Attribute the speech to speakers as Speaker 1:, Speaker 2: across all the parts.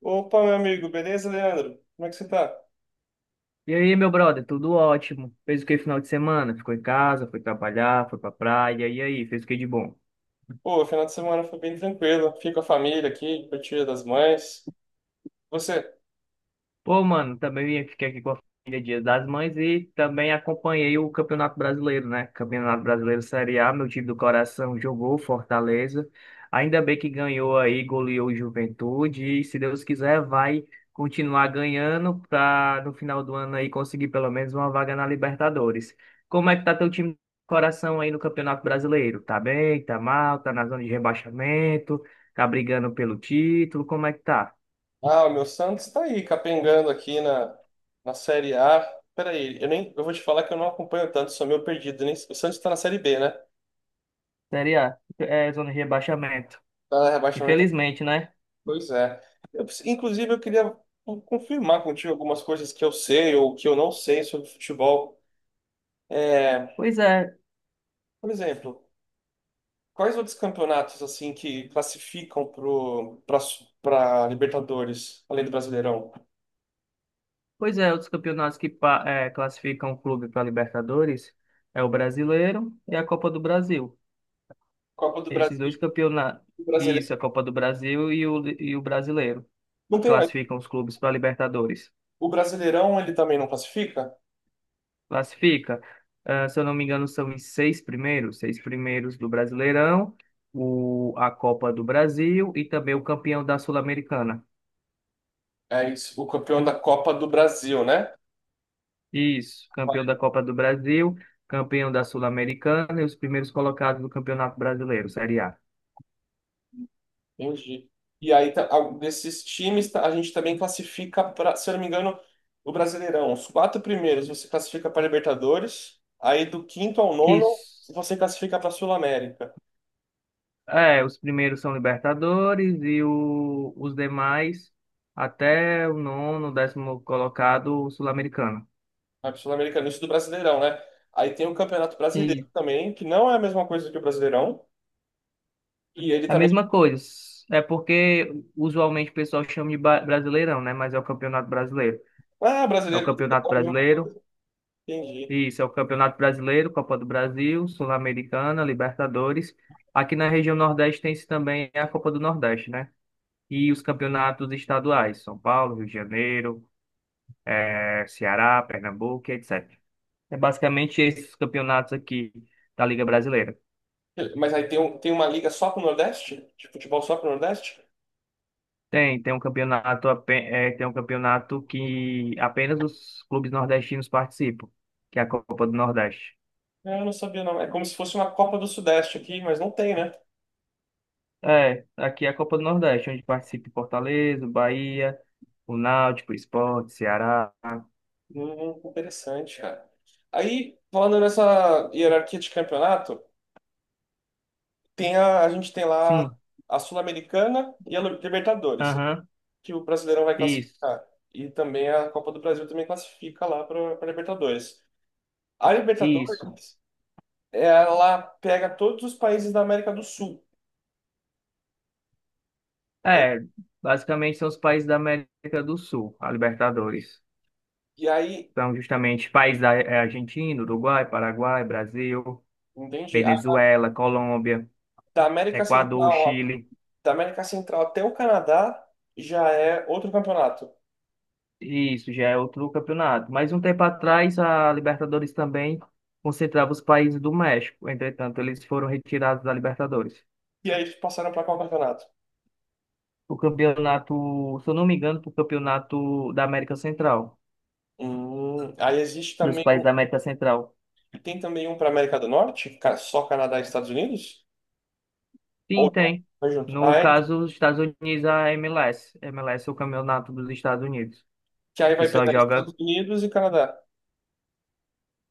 Speaker 1: Opa, meu amigo, beleza, Leandro? Como é que você tá?
Speaker 2: E aí, meu brother, tudo ótimo? Fez o que final de semana? Ficou em casa, foi trabalhar, foi pra praia, e aí, fez o que de bom?
Speaker 1: Pô, o final de semana foi bem tranquilo. Fiquei com a família aqui, com Dia das Mães. Você?
Speaker 2: Pô, mano, também fiquei aqui com a família Dia das Mães e também acompanhei o Campeonato Brasileiro, né? Campeonato Brasileiro Série A, meu time do coração jogou Fortaleza. Ainda bem que ganhou aí, goleou o Juventude e se Deus quiser vai continuar ganhando para no final do ano aí conseguir pelo menos uma vaga na Libertadores. Como é que tá teu time do coração aí no Campeonato Brasileiro? Tá bem? Tá mal? Tá na zona de rebaixamento? Tá brigando pelo título? Como é que tá?
Speaker 1: Ah, o meu Santos tá aí, capengando aqui na Série A. Peraí, eu nem, eu vou te falar que eu não acompanho tanto, sou meio perdido. Nem, o Santos tá na Série B, né?
Speaker 2: Série A, é, zona de rebaixamento.
Speaker 1: Tá na rebaixamento.
Speaker 2: Infelizmente, né?
Speaker 1: Pois é. Inclusive, eu queria confirmar contigo algumas coisas que eu sei ou que eu não sei sobre futebol. É,
Speaker 2: Pois é,
Speaker 1: por exemplo. Quais outros campeonatos assim que classificam pro para Libertadores, além do Brasileirão?
Speaker 2: pois é, outros campeonatos que classificam o clube para Libertadores é o Brasileiro e a Copa do Brasil.
Speaker 1: Copa do
Speaker 2: Esses dois
Speaker 1: Brasil,
Speaker 2: campeonatos,
Speaker 1: o Brasileirão.
Speaker 2: isso, a Copa do Brasil e o Brasileiro,
Speaker 1: Não tem mais.
Speaker 2: classificam os clubes para Libertadores.
Speaker 1: O Brasileirão ele também não classifica?
Speaker 2: Classifica, se eu não me engano, são os seis primeiros do Brasileirão, a Copa do Brasil e também o campeão da Sul-Americana.
Speaker 1: É isso, o campeão da Copa do Brasil, né?
Speaker 2: Isso, campeão da Copa do Brasil, campeão da Sul-Americana e os primeiros colocados do Campeonato Brasileiro, Série A.
Speaker 1: Entendi. E aí a gente também classifica para, se eu não me engano, o Brasileirão. Os quatro primeiros você classifica para Libertadores, aí do quinto ao nono
Speaker 2: Isso.
Speaker 1: você classifica para Sul-América.
Speaker 2: É, os primeiros são Libertadores e os demais até o nono, décimo colocado Sul-Americano.
Speaker 1: Campeonato Sul Americana isso do Brasileirão, né? Aí tem o Campeonato Brasileiro
Speaker 2: E
Speaker 1: também, que não é a mesma coisa que o Brasileirão. E ele
Speaker 2: a
Speaker 1: também.
Speaker 2: mesma coisa. É porque usualmente o pessoal chama de Brasileirão, né? Mas é o Campeonato Brasileiro.
Speaker 1: Ah,
Speaker 2: É o
Speaker 1: brasileiro.
Speaker 2: Campeonato Brasileiro.
Speaker 1: Entendi.
Speaker 2: Isso, é o Campeonato Brasileiro, Copa do Brasil, Sul-Americana, Libertadores. Aqui na região Nordeste tem-se também a Copa do Nordeste, né? E os campeonatos estaduais, São Paulo, Rio de Janeiro, Ceará, Pernambuco, etc. É basicamente esses campeonatos aqui da Liga Brasileira.
Speaker 1: Mas aí tem uma liga só pro Nordeste? De futebol só pro Nordeste?
Speaker 2: Tem um campeonato que apenas os clubes nordestinos participam, que é a Copa do Nordeste.
Speaker 1: É, eu não sabia, não. É como se fosse uma Copa do Sudeste aqui, mas não tem, né?
Speaker 2: É, aqui é a Copa do Nordeste, onde participa Fortaleza, Bahia, o Náutico, o Sport, Ceará.
Speaker 1: Interessante, cara. Aí, falando nessa hierarquia de campeonato, a gente tem lá
Speaker 2: Sim,
Speaker 1: a Sul-Americana e a Libertadores.
Speaker 2: aham,
Speaker 1: Que o Brasileirão vai
Speaker 2: isso,
Speaker 1: classificar. E também a Copa do Brasil também classifica lá para a Libertadores. A
Speaker 2: isso.
Speaker 1: Libertadores, ela pega todos os países da América do Sul, né?
Speaker 2: É, basicamente são os países da América do Sul, a Libertadores.
Speaker 1: E aí,
Speaker 2: São justamente países: Argentina, Uruguai, Paraguai, Brasil,
Speaker 1: entende?
Speaker 2: Venezuela, Colômbia,
Speaker 1: Da América
Speaker 2: Equador,
Speaker 1: Central, ó,
Speaker 2: Chile.
Speaker 1: da América Central até o Canadá já é outro campeonato.
Speaker 2: Isso já é outro campeonato. Mas um tempo atrás, a Libertadores também concentrava os países do México. Entretanto, eles foram retirados da Libertadores.
Speaker 1: E aí eles passaram para qual campeonato?
Speaker 2: O campeonato, se eu não me engano, pro campeonato da América Central,
Speaker 1: Aí existe
Speaker 2: dos
Speaker 1: também
Speaker 2: países
Speaker 1: um,
Speaker 2: da América Central.
Speaker 1: tem também um para América do Norte, só Canadá e Estados Unidos?
Speaker 2: Sim,
Speaker 1: Ou não?
Speaker 2: tem.
Speaker 1: Vai junto.
Speaker 2: No caso, os Estados Unidos, a MLS. MLS é o campeonato dos Estados Unidos,
Speaker 1: Que aí
Speaker 2: que
Speaker 1: vai
Speaker 2: só
Speaker 1: pegar
Speaker 2: joga,
Speaker 1: Estados Unidos e Canadá.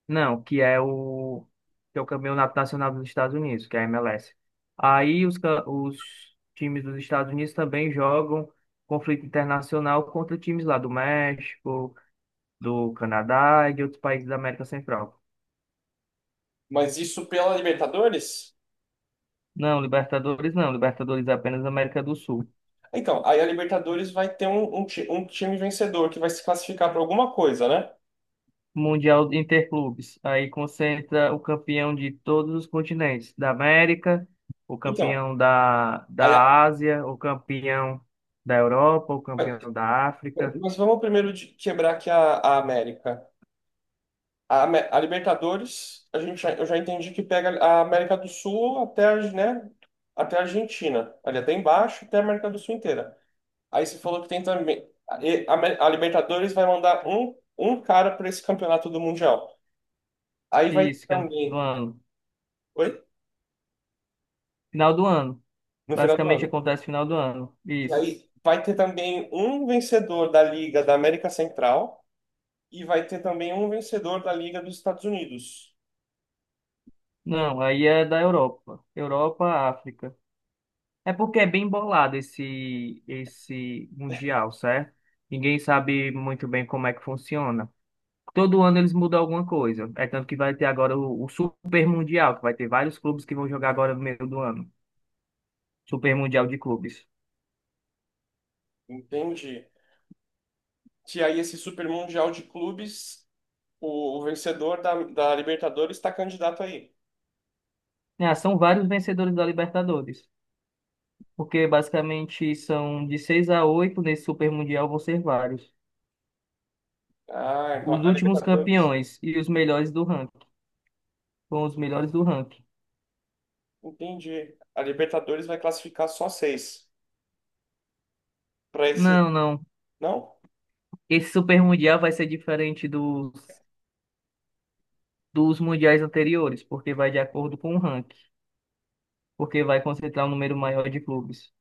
Speaker 2: não, que é o campeonato nacional dos Estados Unidos, que é a MLS. Aí os times dos Estados Unidos também jogam conflito internacional contra times lá do México, do Canadá e de outros países da América Central.
Speaker 1: Mas isso pela Libertadores?
Speaker 2: Não, Libertadores não. Libertadores é apenas América do Sul.
Speaker 1: Então, aí a Libertadores vai ter um time vencedor que vai se classificar para alguma coisa, né?
Speaker 2: Mundial de Interclubes. Aí concentra o campeão de todos os continentes. Da América, o
Speaker 1: Então,
Speaker 2: campeão da,
Speaker 1: aí a-
Speaker 2: da Ásia, o campeão da Europa, o campeão da África.
Speaker 1: mas vamos primeiro quebrar aqui a América. A Libertadores, eu já entendi que pega a América do Sul até, né, até a Argentina, ali até embaixo, até a América do Sul inteira. Aí você falou que tem também. A, e- a Amé- a Libertadores vai mandar um cara para esse campeonato do Mundial. Aí vai
Speaker 2: Isso, que é no final do
Speaker 1: também.
Speaker 2: ano.
Speaker 1: Oi?
Speaker 2: Final do ano.
Speaker 1: No final do
Speaker 2: Basicamente
Speaker 1: ano.
Speaker 2: acontece no final do ano.
Speaker 1: E
Speaker 2: Isso.
Speaker 1: aí vai ter também um vencedor da Liga da América Central e vai ter também um vencedor da Liga dos Estados Unidos.
Speaker 2: Não, aí é da Europa. Europa, África. É porque é bem bolado esse mundial, certo? Ninguém sabe muito bem como é que funciona. Todo ano eles mudam alguma coisa. É tanto que vai ter agora o Super Mundial, que vai ter vários clubes que vão jogar agora no meio do ano. Super Mundial de clubes.
Speaker 1: Entende? Que aí esse Super Mundial de Clubes, o vencedor da Libertadores está candidato aí.
Speaker 2: É, são vários vencedores da Libertadores. Porque basicamente são de 6 a 8 nesse Super Mundial vão ser vários.
Speaker 1: Ah, então
Speaker 2: Os
Speaker 1: a
Speaker 2: últimos
Speaker 1: Libertadores.
Speaker 2: campeões e os melhores do ranking. Com os melhores do ranking.
Speaker 1: Entendi. A Libertadores vai classificar só seis para esse.
Speaker 2: Não, não.
Speaker 1: Não?
Speaker 2: Esse Super Mundial vai ser diferente dos mundiais anteriores, porque vai de acordo com o ranking, porque vai concentrar um número maior de clubes.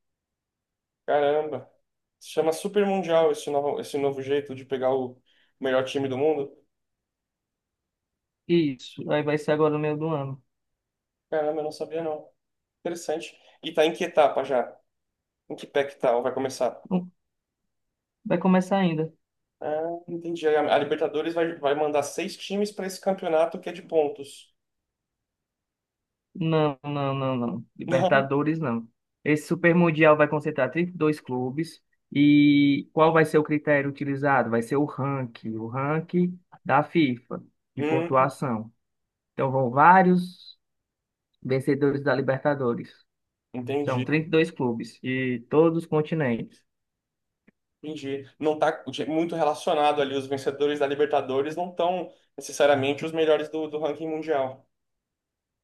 Speaker 1: Caramba. Se chama Super Mundial esse novo jeito de pegar o melhor time do mundo.
Speaker 2: Isso, aí vai ser agora no meio do ano.
Speaker 1: Caramba, eu não sabia não. Interessante. E tá em que etapa já? Em que pé que tal? Vai começar?
Speaker 2: Hum, Vai começar ainda.
Speaker 1: Ah, entendi. Aí a Libertadores vai mandar seis times para esse campeonato que é de pontos.
Speaker 2: Não, não, não, não.
Speaker 1: Não?
Speaker 2: Libertadores, não. Esse Super Mundial vai concentrar 32 clubes. E qual vai ser o critério utilizado? Vai ser o ranking da FIFA, de
Speaker 1: Hum,
Speaker 2: pontuação. Então vão vários vencedores da Libertadores. São
Speaker 1: entendi.
Speaker 2: 32 clubes de todos os continentes.
Speaker 1: Entendi. Não tá muito relacionado ali. Os vencedores da Libertadores não estão necessariamente os melhores do ranking mundial.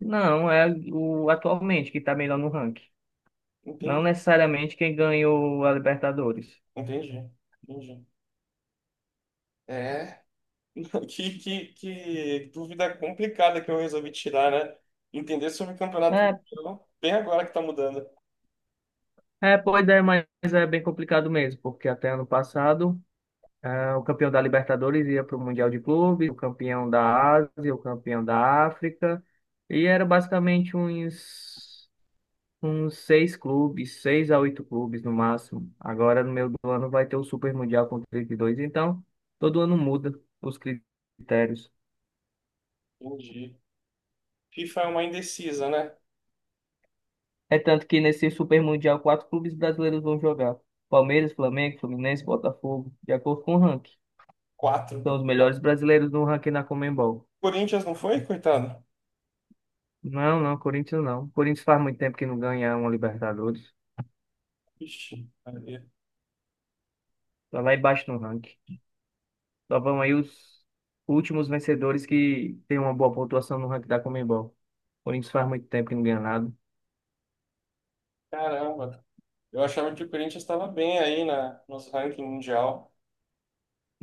Speaker 2: Não, é o atualmente que está melhor no ranking. Não
Speaker 1: Entendi.
Speaker 2: necessariamente quem ganhou a Libertadores.
Speaker 1: Entendi. Entendi. É. Que dúvida complicada que eu resolvi tirar, né? Entender sobre o campeonato
Speaker 2: É,
Speaker 1: mundial bem agora que tá mudando.
Speaker 2: Pois é, mas é bem complicado mesmo, porque até ano passado, o campeão da Libertadores ia para o Mundial de Clubes, o campeão da Ásia, o campeão da África, e era basicamente uns seis clubes, seis a oito clubes no máximo. Agora, no meio do ano, vai ter o Super Mundial com 32. Então todo ano muda os critérios.
Speaker 1: Entendi. FIFA é uma indecisa, né?
Speaker 2: É tanto que nesse Super Mundial, quatro clubes brasileiros vão jogar: Palmeiras, Flamengo, Fluminense, Botafogo, de acordo com o ranking.
Speaker 1: Quatro.
Speaker 2: São os melhores brasileiros no ranking na Conmebol.
Speaker 1: Corinthians não foi, coitado?
Speaker 2: Não, não, Corinthians não. Corinthians faz muito tempo que não ganha uma Libertadores.
Speaker 1: Ixi, Maria.
Speaker 2: Tá lá embaixo no ranking. Só vão aí os últimos vencedores que têm uma boa pontuação no ranking da Conmebol. Corinthians faz muito tempo que não ganha nada.
Speaker 1: Caramba. Eu achava que o Corinthians estava bem aí nos ranking mundial.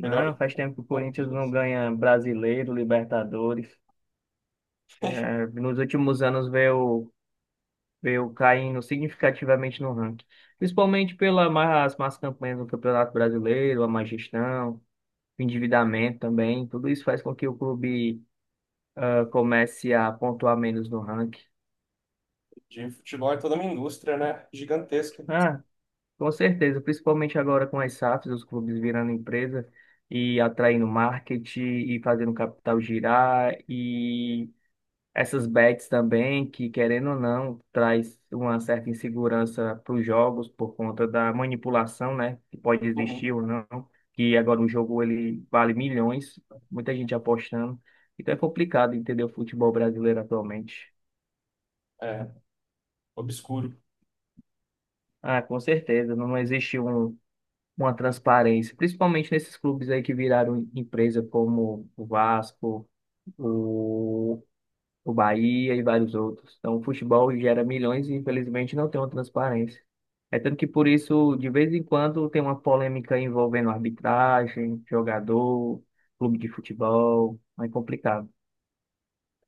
Speaker 1: Melhor do que
Speaker 2: faz
Speaker 1: o
Speaker 2: tempo que o Corinthians não
Speaker 1: Palmeiras.
Speaker 2: ganha brasileiro, Libertadores. É, nos últimos anos veio. Veio caindo significativamente no ranking, principalmente pelas más, más campanhas no Campeonato Brasileiro, a má gestão, o endividamento também, tudo isso faz com que o clube comece a pontuar menos no ranking.
Speaker 1: De futebol é toda uma indústria, né? Gigantesca.
Speaker 2: Ah, com certeza, principalmente agora com as SAFs, os clubes virando empresa e atraindo marketing e fazendo o capital girar e essas bets também, que querendo ou não, traz uma certa insegurança para os jogos por conta da manipulação, né? Que pode existir
Speaker 1: Uhum.
Speaker 2: ou não, que agora o jogo ele vale milhões, muita gente apostando. Então é complicado entender o futebol brasileiro atualmente.
Speaker 1: É, obscuro.
Speaker 2: Ah, com certeza, não existe um, uma transparência, principalmente nesses clubes aí que viraram empresa como o Vasco, o o Bahia e vários outros. Então, o futebol gera milhões e, infelizmente, não tem uma transparência. É tanto que, por isso, de vez em quando tem uma polêmica envolvendo arbitragem, jogador, clube de futebol. É complicado.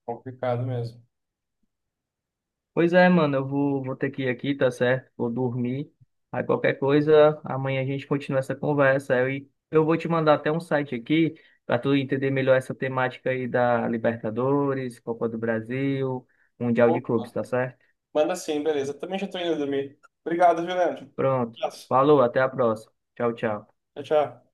Speaker 1: Complicado mesmo.
Speaker 2: Pois é, mano, eu vou ter que ir aqui, tá certo? Vou dormir. Aí, qualquer coisa, amanhã a gente continua essa conversa. Eu vou te mandar até um site aqui para tu entender melhor essa temática aí da Libertadores, Copa do Brasil, Mundial de Clubes,
Speaker 1: Opa,
Speaker 2: tá certo?
Speaker 1: manda sim, beleza. Também já tô indo dormir. Obrigado, viu, Leandro?
Speaker 2: Pronto.
Speaker 1: Abraço.
Speaker 2: Falou, até a próxima. Tchau, tchau.
Speaker 1: Tchau, tchau.